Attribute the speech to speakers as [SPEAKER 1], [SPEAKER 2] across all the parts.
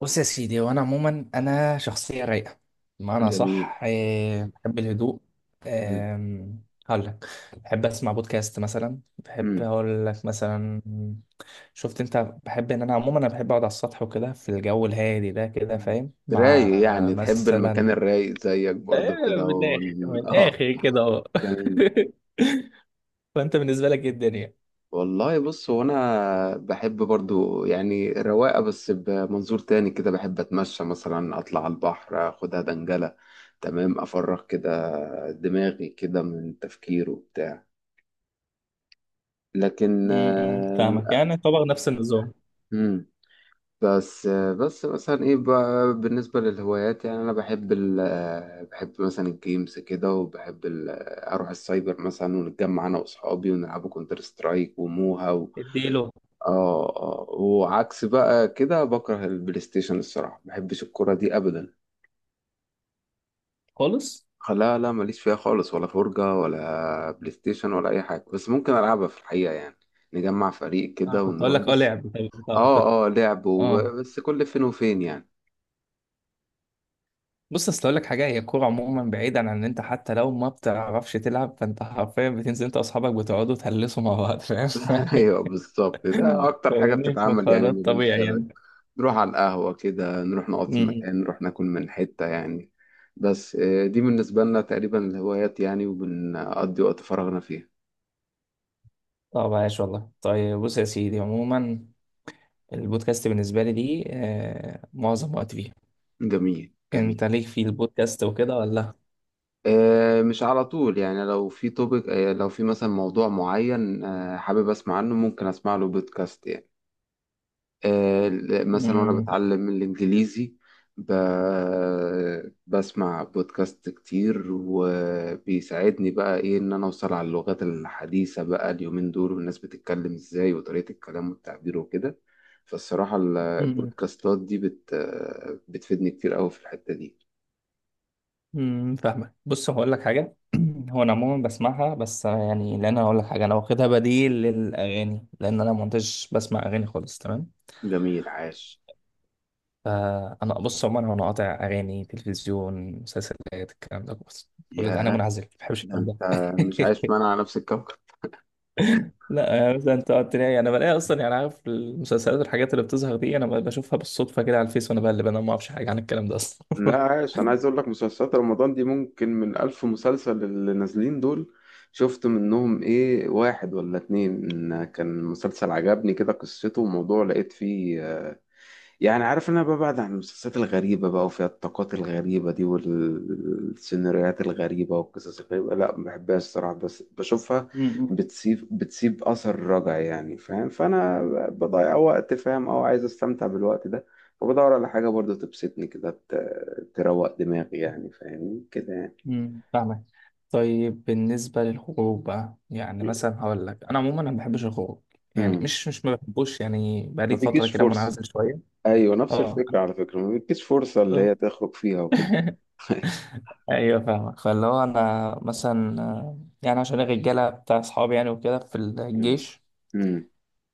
[SPEAKER 1] بص يا سيدي، وانا عموما شخصيه رايقه، بمعنى
[SPEAKER 2] جميل.
[SPEAKER 1] صح. بحب الهدوء.
[SPEAKER 2] مم.
[SPEAKER 1] هقول لك بحب اسمع بودكاست مثلا، بحب
[SPEAKER 2] مم.
[SPEAKER 1] اقول لك مثلا، شفت انت، بحب ان انا عموما بحب اقعد على السطح وكده في الجو الهادي ده، كده
[SPEAKER 2] مم.
[SPEAKER 1] فاهم،
[SPEAKER 2] رايق،
[SPEAKER 1] مع
[SPEAKER 2] يعني تحب
[SPEAKER 1] مثلا
[SPEAKER 2] المكان الرايق زيك برضو كده
[SPEAKER 1] من الاخر
[SPEAKER 2] اه.
[SPEAKER 1] كده اهو.
[SPEAKER 2] جميل.
[SPEAKER 1] فانت بالنسبه لك ايه الدنيا؟
[SPEAKER 2] والله، بص، هو انا بحب برضو يعني الرواقه، بس بمنظور تاني كده بحب اتمشى مثلا، اطلع على البحر، اخدها دنجله تمام، افرغ كده دماغي كده من تفكير وبتاع. لكن...
[SPEAKER 1] م- م، فاهمك، يعني طبعا نفس النظام.
[SPEAKER 2] آم، بس مثلا ايه بقى بالنسبة للهوايات، يعني انا بحب ال آه، بحب مثلا الجيمز كده، وبحب ال آه، اروح السايبر مثلا، ونتجمع انا واصحابي ونلعبوا كونتر سترايك وموها
[SPEAKER 1] اديله
[SPEAKER 2] اه، اه، وعكس بقى كده بكره البلاي ستيشن، الصراحة ما بحبش الكرة دي ابدا.
[SPEAKER 1] خالص.
[SPEAKER 2] لا، لا، ماليش فيها خالص، ولا فرجة ولا بلاي ستيشن ولا اي حاجة، بس ممكن العبها في الحقيقة يعني. نجمع فريق
[SPEAKER 1] اه،
[SPEAKER 2] كده
[SPEAKER 1] كنت اقول
[SPEAKER 2] ونروح
[SPEAKER 1] لك، اه،
[SPEAKER 2] بس.
[SPEAKER 1] لعب. طيب، طيب، طيب.
[SPEAKER 2] اه، اه، لعب
[SPEAKER 1] اه،
[SPEAKER 2] بس كل فين وفين يعني.
[SPEAKER 1] بص، اصل اقول لك حاجه، هي الكوره عموما بعيدا عن ان انت حتى لو ما بتعرفش تلعب، فانت حرفيا بتنزل انت واصحابك، بتقعدوا تهلسوا مع بعض، فاهم.
[SPEAKER 2] ايوه، بالظبط، ده اكتر حاجه
[SPEAKER 1] فاهمني،
[SPEAKER 2] بتتعمل
[SPEAKER 1] فده
[SPEAKER 2] يعني ما بين
[SPEAKER 1] الطبيعي
[SPEAKER 2] الشباب.
[SPEAKER 1] يعني.
[SPEAKER 2] نروح على القهوه كده، نروح نقعد في
[SPEAKER 1] م-م.
[SPEAKER 2] مكان، نروح ناكل من حته يعني. بس، دي بالنسبه لنا تقريبا الهوايات يعني، وبنقضي وقت فراغنا فيها.
[SPEAKER 1] طب عايش، والله. طيب، بص يا سيدي، عموما البودكاست بالنسبه لي دي معظم وقت فيه.
[SPEAKER 2] جميل، جميل.
[SPEAKER 1] انت ليك في البودكاست وكده ولا؟
[SPEAKER 2] مش على طول يعني، لو في توبيك، لو في مثلا موضوع معين حابب اسمع عنه، ممكن اسمع له بودكاست يعني. آه، مثلا وانا بتعلم الانجليزي، ب... بسمع بودكاست كتير، وبيساعدني بقى ايه، ان انا اوصل على اللغات الحديثة بقى اليومين دول، والناس بتتكلم ازاي، وطريقة الكلام والتعبير وكده. فالصراحة
[SPEAKER 1] م-م.
[SPEAKER 2] البودكاستات دي بتفيدني كتير قوي في الحتة دي.
[SPEAKER 1] امم، فاهمك. بص، هقول لك حاجه. هو انا عموما بسمعها، بس يعني لان انا هقول لك حاجه، انا واخدها بديل للاغاني، لان انا ما كنتش بسمع اغاني خالص، تمام؟
[SPEAKER 2] جميل، عاش.
[SPEAKER 1] فانا، بص، عموما انا قاطع اغاني، تلفزيون، مسلسلات، الكلام ده، بص، كل ده انا
[SPEAKER 2] ياه.
[SPEAKER 1] منعزل، ما بحبش
[SPEAKER 2] ده
[SPEAKER 1] الكلام ده.
[SPEAKER 2] انت مش عايش معانا على نفس الكوكب.
[SPEAKER 1] لا، يعني مثلا انت قلت لي، انا بلاقي اصلا يعني، عارف المسلسلات والحاجات اللي بتظهر دي، انا بشوفها بالصدفه كده على الفيس وانا بقلب، انا ما اعرفش حاجه عن الكلام ده اصلا.
[SPEAKER 2] لا، عايش. انا عايز اقول لك، مسلسلات رمضان دي، ممكن من الف مسلسل اللي نازلين دول، شفت منهم ايه؟ واحد ولا اتنين كان مسلسل عجبني كده قصته، وموضوع لقيت فيه. يعني، عارف ان انا ببعد عن المسلسلات الغريبة بقى، وفيها الطاقات الغريبة دي، والسيناريوهات الغريبة والقصص الغريبة. لا، ما بحبهاش الصراحة، بس بشوفها. بتسيب اثر رجعي يعني، فاهم؟ فانا بضيع وقت، فاهم؟ او عايز استمتع بالوقت ده. فبدور على حاجة برضو تبسطني كده، تروق دماغي يعني، فاهمني كده يعني.
[SPEAKER 1] امم، فاهمك. طيب بالنسبة للخروج بقى، يعني مثلا هقول لك، أنا عموما أنا ما بحبش الخروج، يعني
[SPEAKER 2] امم
[SPEAKER 1] مش ما بحبوش يعني،
[SPEAKER 2] ما
[SPEAKER 1] بقالي فترة
[SPEAKER 2] بيجيش
[SPEAKER 1] كده
[SPEAKER 2] فرصة.
[SPEAKER 1] منعزل شوية.
[SPEAKER 2] ايوه، نفس
[SPEAKER 1] اه،
[SPEAKER 2] الفكرة. على فكرة، ما بيجيش فرصة اللي
[SPEAKER 1] أنا-
[SPEAKER 2] هي تخرج فيها وكده.
[SPEAKER 1] ايوه فاهمك، فاللي هو انا مثلا يعني عشان الرجاله بتاع اصحابي يعني، وكده في
[SPEAKER 2] مم.
[SPEAKER 1] الجيش،
[SPEAKER 2] مم.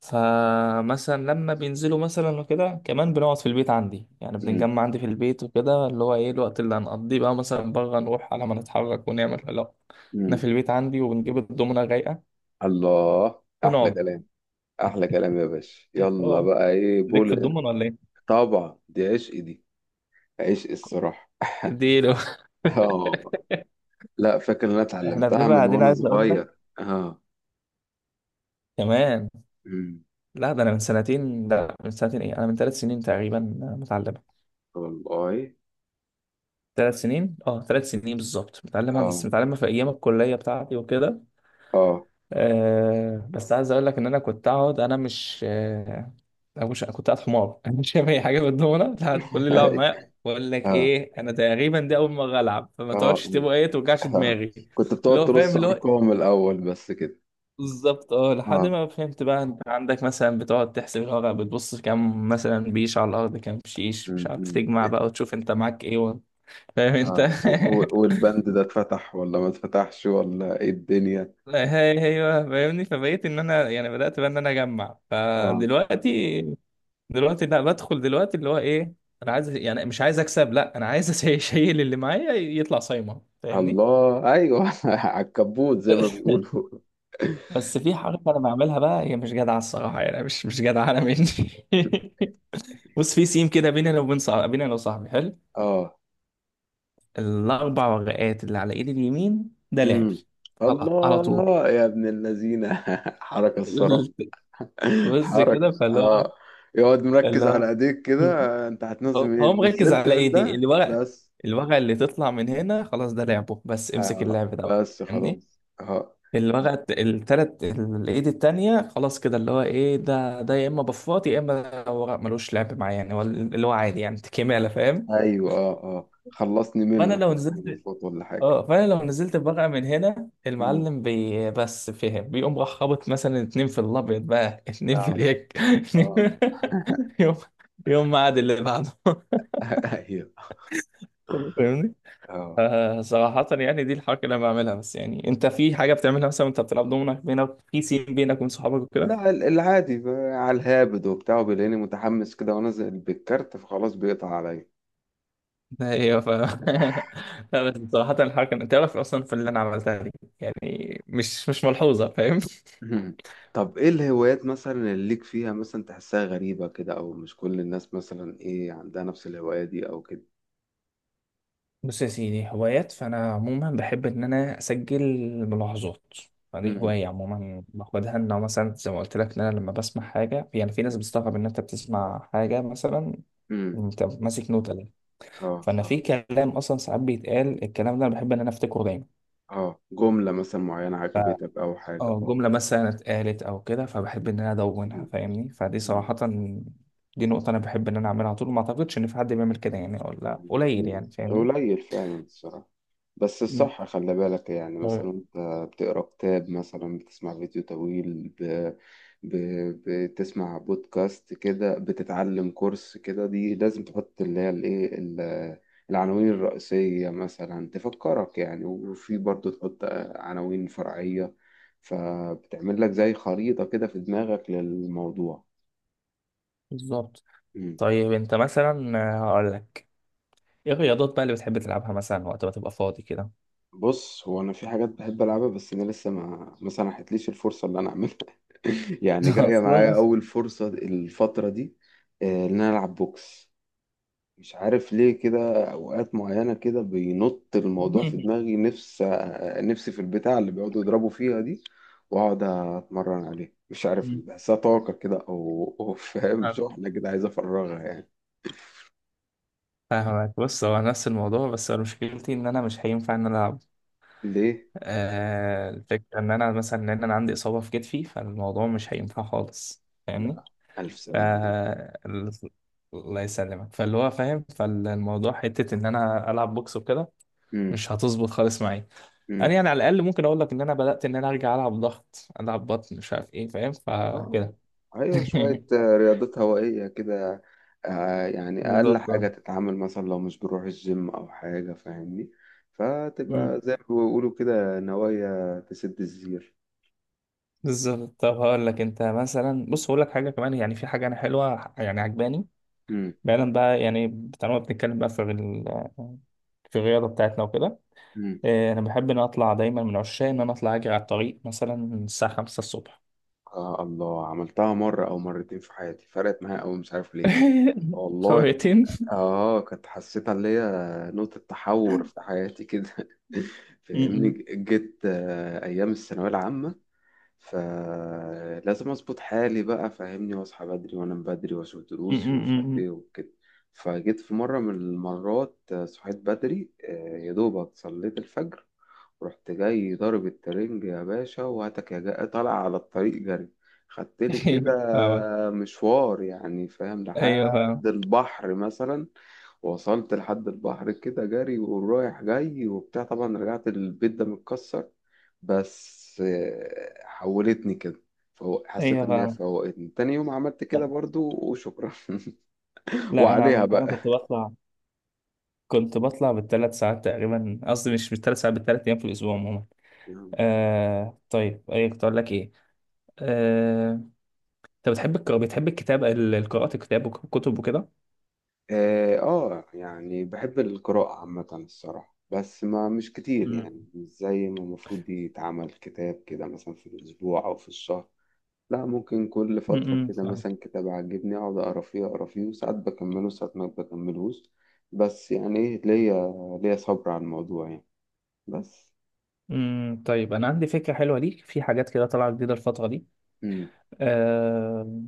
[SPEAKER 1] فمثلا لما بينزلوا مثلا وكده، كمان بنقعد في البيت عندي، يعني
[SPEAKER 2] مم.
[SPEAKER 1] بنتجمع عندي في البيت وكده، اللي هو ايه الوقت اللي هنقضيه بقى، مثلا بره نروح على، ما نتحرك ونعمل، لا، احنا
[SPEAKER 2] مم.
[SPEAKER 1] في البيت عندي وبنجيب الدومنة رايقة
[SPEAKER 2] الله، احلى
[SPEAKER 1] ونقعد.
[SPEAKER 2] كلام. احلى كلام يا باشا، يلا
[SPEAKER 1] اه،
[SPEAKER 2] بقى، ايه
[SPEAKER 1] ليك في
[SPEAKER 2] بول.
[SPEAKER 1] الضمن ولا ايه؟
[SPEAKER 2] طبعا، دي عشق دي. عشق الصراحه.
[SPEAKER 1] اديله.
[SPEAKER 2] اه. لا، فاكر ان انا
[SPEAKER 1] احنا
[SPEAKER 2] اتعلمتها
[SPEAKER 1] بنبقى
[SPEAKER 2] من
[SPEAKER 1] قاعدين،
[SPEAKER 2] وانا
[SPEAKER 1] عايز اقول لك
[SPEAKER 2] صغير اه.
[SPEAKER 1] كمان،
[SPEAKER 2] أمم.
[SPEAKER 1] لا، ده انا من سنتين، لا من سنتين، ايه، انا من 3 سنين تقريبا متعلمه.
[SPEAKER 2] والله.
[SPEAKER 1] 3 سنين، اه، 3 سنين بالظبط متعلمها، بس
[SPEAKER 2] اه،
[SPEAKER 1] متعلمها في ايام الكليه بتاعتي وكده.
[SPEAKER 2] اه.
[SPEAKER 1] آه، بس عايز اقول لك ان انا كنت اقعد، انا مش انا مش كنت قاعد حمار. انا مش فاهم اي حاجه بالدومنه، لحد كل اللي لعب معايا بقول لك
[SPEAKER 2] اه،
[SPEAKER 1] ايه، انا تقريبا دي اول مره العب، فما
[SPEAKER 2] اه،
[SPEAKER 1] تقعدش تبقى ايه توجعش دماغي.
[SPEAKER 2] كنت
[SPEAKER 1] اللي
[SPEAKER 2] بتقعد
[SPEAKER 1] هو
[SPEAKER 2] ترص
[SPEAKER 1] فاهم، اللي هو
[SPEAKER 2] ارقام الاول بس كده.
[SPEAKER 1] بالظبط. اه، لحد
[SPEAKER 2] اه.
[SPEAKER 1] ما فهمت بقى انت عندك مثلا، بتقعد تحسب الورق، بتبص كام مثلا بيش على الارض، كام شيش، مش
[SPEAKER 2] أمم،
[SPEAKER 1] عارف،
[SPEAKER 2] أمم.
[SPEAKER 1] تجمع بقى وتشوف انت معاك ايه و... فاهم انت.
[SPEAKER 2] اه. والبند ده اتفتح، ولا ما اتفتحش، ولا ايه الدنيا؟
[SPEAKER 1] هي، ايوه، فاهمني. فبقيت ان انا يعني بدات بقى ان انا اجمع،
[SPEAKER 2] اه
[SPEAKER 1] فدلوقتي دلوقتي لا، بدخل دلوقتي اللي هو ايه، انا عايز، يعني مش عايز اكسب لا، انا عايز اشيل اللي معايا يطلع صايمه، فاهمني.
[SPEAKER 2] الله، ايوه. على الكبوت زي ما بيقولوا.
[SPEAKER 1] بس في حركه انا بعملها بقى، هي مش جدعه الصراحه يعني، مش جدعه، انا مني. بص، في سيم كده بيننا وبين صاحبي، بيننا انا وصاحبي حلو.
[SPEAKER 2] اه.
[SPEAKER 1] الاربع ورقات اللي على ايدي اليمين ده لعبي.
[SPEAKER 2] مم.
[SPEAKER 1] على, على طول.
[SPEAKER 2] الله يا ابن اللذينه. حركه الصراحه.
[SPEAKER 1] بص
[SPEAKER 2] حركه،
[SPEAKER 1] كده، فاللي هو،
[SPEAKER 2] اه. يقعد
[SPEAKER 1] فاللي
[SPEAKER 2] مركز على
[SPEAKER 1] هو،
[SPEAKER 2] ايديك كده. انت هتنزل
[SPEAKER 1] هو هو
[SPEAKER 2] منين؟
[SPEAKER 1] مركز
[SPEAKER 2] نزلت
[SPEAKER 1] على
[SPEAKER 2] من
[SPEAKER 1] ايدي
[SPEAKER 2] ده
[SPEAKER 1] الورق،
[SPEAKER 2] بس.
[SPEAKER 1] الورقه اللي تطلع من هنا خلاص ده لعبه، بس امسك
[SPEAKER 2] آه.
[SPEAKER 1] اللعب ده بقى،
[SPEAKER 2] بس
[SPEAKER 1] فاهمني.
[SPEAKER 2] خلاص اه.
[SPEAKER 1] الورقه التلات الايد التانيه خلاص كده، اللي هو ايه، ده ده يا اما بفاط، يا اما ورق ملوش لعب معايا يعني، هو اللي هو عادي يعني كماله، فاهم.
[SPEAKER 2] ايوه، اه، اه، خلصني
[SPEAKER 1] فانا
[SPEAKER 2] منه
[SPEAKER 1] لو
[SPEAKER 2] كده بقى
[SPEAKER 1] نزلت،
[SPEAKER 2] المفروض، ولا حاجه؟
[SPEAKER 1] اه، فانا لو نزلت بورقه من هنا،
[SPEAKER 2] مم.
[SPEAKER 1] المعلم بي بس فهم، بيقوم راح خابط مثلا اتنين في الابيض بقى، اتنين في
[SPEAKER 2] نعم.
[SPEAKER 1] اليك.
[SPEAKER 2] اه.
[SPEAKER 1] يوم، يوم ما عاد اللي بعده.
[SPEAKER 2] ايوه.
[SPEAKER 1] فاهمني.
[SPEAKER 2] اه.
[SPEAKER 1] آه، صراحة يعني دي الحركة اللي انا بعملها، بس يعني انت في حاجة بتعملها مثلا وانت بتلعب دومنا، بينك في سين بينك وبين صحابك وكده؟
[SPEAKER 2] لا، العادي على الهابد وبتاع، وبيلاقيني متحمس كده، بالكارت، فخلاص بيقطع عليا.
[SPEAKER 1] ايوه، ف لا، بس صراحة الحركة انت تعرف اصلا في اللي انا عملتها دي، يعني مش ملحوظة، فاهم.
[SPEAKER 2] مم. طب، ايه الهوايات مثلا اللي ليك فيها، مثلا تحسها غريبة كده، او مش كل الناس مثلا ايه عندها نفس الهواية دي او كده؟
[SPEAKER 1] بص يا سيدي، هوايات، فأنا عموما بحب إن أنا أسجل ملاحظات، فدي
[SPEAKER 2] امم.
[SPEAKER 1] هواية عموما باخدها، إن أنا مثلا زي ما قلت لك، إن أنا لما بسمع حاجة يعني، في ناس بتستغرب إن أنت بتسمع حاجة مثلا،
[SPEAKER 2] امم.
[SPEAKER 1] أنت ماسك نوتة ليه؟
[SPEAKER 2] اه،
[SPEAKER 1] فأنا في
[SPEAKER 2] اه،
[SPEAKER 1] كلام أصلا ساعات بيتقال الكلام ده، أنا بحب إن أنا أفتكره دايما.
[SPEAKER 2] اه، جملة مثلا معينة عجبتك او حاجة؟
[SPEAKER 1] أه
[SPEAKER 2] اه.
[SPEAKER 1] جملة مثلا اتقالت أو كده، فبحب إن أنا أدونها،
[SPEAKER 2] مم.
[SPEAKER 1] فاهمني. فدي
[SPEAKER 2] مم.
[SPEAKER 1] صراحة، دي نقطة أنا بحب إن أنا أعملها على طول، ما أعتقدش إن في حد بيعمل كده يعني، ولا قليل
[SPEAKER 2] مم.
[SPEAKER 1] يعني، فاهمني.
[SPEAKER 2] قليل فعلا الصراحة. بس
[SPEAKER 1] مم.
[SPEAKER 2] الصح خلي بالك، يعني
[SPEAKER 1] طيب،
[SPEAKER 2] مثلا انت بتقرا كتاب مثلا، بتسمع فيديو طويل، ب... بتسمع بودكاست كده، بتتعلم كورس كده، دي لازم تحط اللي هي الايه، العناوين الرئيسية مثلا تفكرك يعني، وفي برضو تحط عناوين فرعية. فبتعمل لك زي خريطة كده في دماغك للموضوع.
[SPEAKER 1] بالظبط. طيب انت مثلا، هقول لك، ايه الرياضات بقى اللي بتحب تلعبها مثلا وقت ما تبقى فاضي كده؟
[SPEAKER 2] بص، هو انا في حاجات بحب العبها، بس انا لسه ما سنحتليش الفرصه اللي انا اعملها. يعني جايه
[SPEAKER 1] اصلا.
[SPEAKER 2] معايا اول فرصه الفتره دي. ان انا العب بوكس. مش عارف ليه، كده اوقات معينه كده بينط الموضوع في دماغي، نفس نفسي في البتاع اللي بيقعدوا يضربوا فيها دي. واقعد اتمرن عليه، مش عارف ليه بحسها طاقه كده او فاهم؟ شحنه كده عايز افرغها يعني.
[SPEAKER 1] فاهمك. بص، هو نفس الموضوع، بس أنا مشكلتي ان انا مش هينفع ان انا العب.
[SPEAKER 2] ليه؟
[SPEAKER 1] آه، الفكره ان انا مثلا ان انا عندي اصابه في كتفي، فالموضوع
[SPEAKER 2] آه،
[SPEAKER 1] مش هينفع خالص، فاهمني.
[SPEAKER 2] لا، الف
[SPEAKER 1] ف
[SPEAKER 2] سلامه
[SPEAKER 1] ال- الله يسلمك، فاللي هو فاهم، فالموضوع حته ان انا العب بوكس وكده
[SPEAKER 2] عليك.
[SPEAKER 1] مش هتظبط خالص معايا. انا يعني على الاقل ممكن اقول لك ان انا بدات ان انا ارجع العب ضغط، العب بطن، مش عارف ايه، فاهم،
[SPEAKER 2] اه،
[SPEAKER 1] فكده.
[SPEAKER 2] ايوه، شوية رياضات هوائية كده. يعني اقل
[SPEAKER 1] بالظبط. آه.
[SPEAKER 2] حاجة تتعامل مثلا، لو مش بنروح الجيم او حاجة، فاهمني.
[SPEAKER 1] مم.
[SPEAKER 2] فتبقى زي ما بيقولوا كده، نوايا تسد الزير.
[SPEAKER 1] بالظبط. طب هقول لك انت مثلا، بص هقول لك حاجه كمان، يعني في حاجه انا حلوه يعني عجباني،
[SPEAKER 2] امم.
[SPEAKER 1] بعيدا بقى، يعني طالما بنتكلم بقى في في الرياضه بتاعتنا وكده.
[SPEAKER 2] امم.
[SPEAKER 1] انا بحب ان أنا اطلع دايما، من عشاق ان انا اطلع اجري على الطريق مثلا الساعه 5 الصبح.
[SPEAKER 2] آه، الله، عملتها مرة أو مرتين في حياتي، فرقت معايا أوي، مش عارف ليه. والله كنت...
[SPEAKER 1] خريطين.
[SPEAKER 2] آه، كنت حسيتها اللي هي نقطة تحول في حياتي كده.
[SPEAKER 1] م-
[SPEAKER 2] فاهمني.
[SPEAKER 1] م-
[SPEAKER 2] جيت أيام الثانوية العامة، فلازم اظبط حالي بقى، فاهمني، واصحى بدري وانام بدري واشوف
[SPEAKER 1] م-
[SPEAKER 2] دروسي ومش
[SPEAKER 1] م-
[SPEAKER 2] عارف
[SPEAKER 1] م-
[SPEAKER 2] ايه وكده. فجيت في مرة من المرات، صحيت بدري، يا دوبك صليت الفجر. رحت جاي ضارب الترنج يا باشا، وهاتك يا جاي طالع على الطريق جري. خدت لي كده
[SPEAKER 1] م. فاهمك.
[SPEAKER 2] مشوار يعني، فاهم؟
[SPEAKER 1] ايوه فاهم.
[SPEAKER 2] لحد البحر مثلا. وصلت لحد البحر كده جري، ورايح جاي وبتاع، طبعا رجعت البيت ده متكسر. بس حولتني كده. فهو حسيت
[SPEAKER 1] ايوه
[SPEAKER 2] ان هي
[SPEAKER 1] فاهم.
[SPEAKER 2] فوقتني، تاني يوم عملت كده برضو وشكرا.
[SPEAKER 1] لا، انا
[SPEAKER 2] وعليها
[SPEAKER 1] عملت، انا
[SPEAKER 2] بقى.
[SPEAKER 1] كنت بطلع، كنت بطلع بال3 ساعات تقريبا، قصدي مش بال3 ساعات، بال3 ايام في الاسبوع عموما. آه، طيب ايه كنت اقول لك ايه، آه، انت بتحب القراءة، بتحب الكتابة، قراءة الكتاب وكتب وكده؟
[SPEAKER 2] اه. يعني بحب القراءة عامة الصراحة، بس ما مش كتير
[SPEAKER 1] امم،
[SPEAKER 2] يعني، مش زي ما المفروض دي يتعمل كتاب كده مثلا في الأسبوع أو في الشهر. لا، ممكن كل فترة
[SPEAKER 1] امم،
[SPEAKER 2] كده
[SPEAKER 1] فاهم.
[SPEAKER 2] مثلا كتاب عجبني أقعد أقرا فيه أقرا فيه، وساعات بكمله وساعات ما بكملهوش. بس يعني إيه ليا، ليا صبر على الموضوع يعني، بس.
[SPEAKER 1] امم، طيب انا عندي فكرة حلوة ليك، في حاجات كده طالعة جديدة الفترة دي،
[SPEAKER 2] مم.
[SPEAKER 1] آه،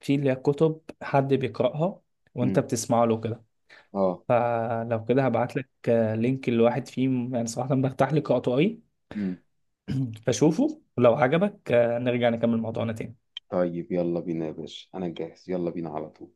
[SPEAKER 1] في اللي هي كتب حد بيقرأها وانت
[SPEAKER 2] مم.
[SPEAKER 1] بتسمع له كده،
[SPEAKER 2] آه.
[SPEAKER 1] فلو كده هبعت لك لينك لواحد فيهم، يعني صراحة برتاح لقراءته قوي،
[SPEAKER 2] مم.
[SPEAKER 1] فشوفه ولو عجبك، نرجع نكمل موضوعنا تاني.
[SPEAKER 2] طيب، يلا بينا يا باشا، أنا جاهز، يلا بينا على طول.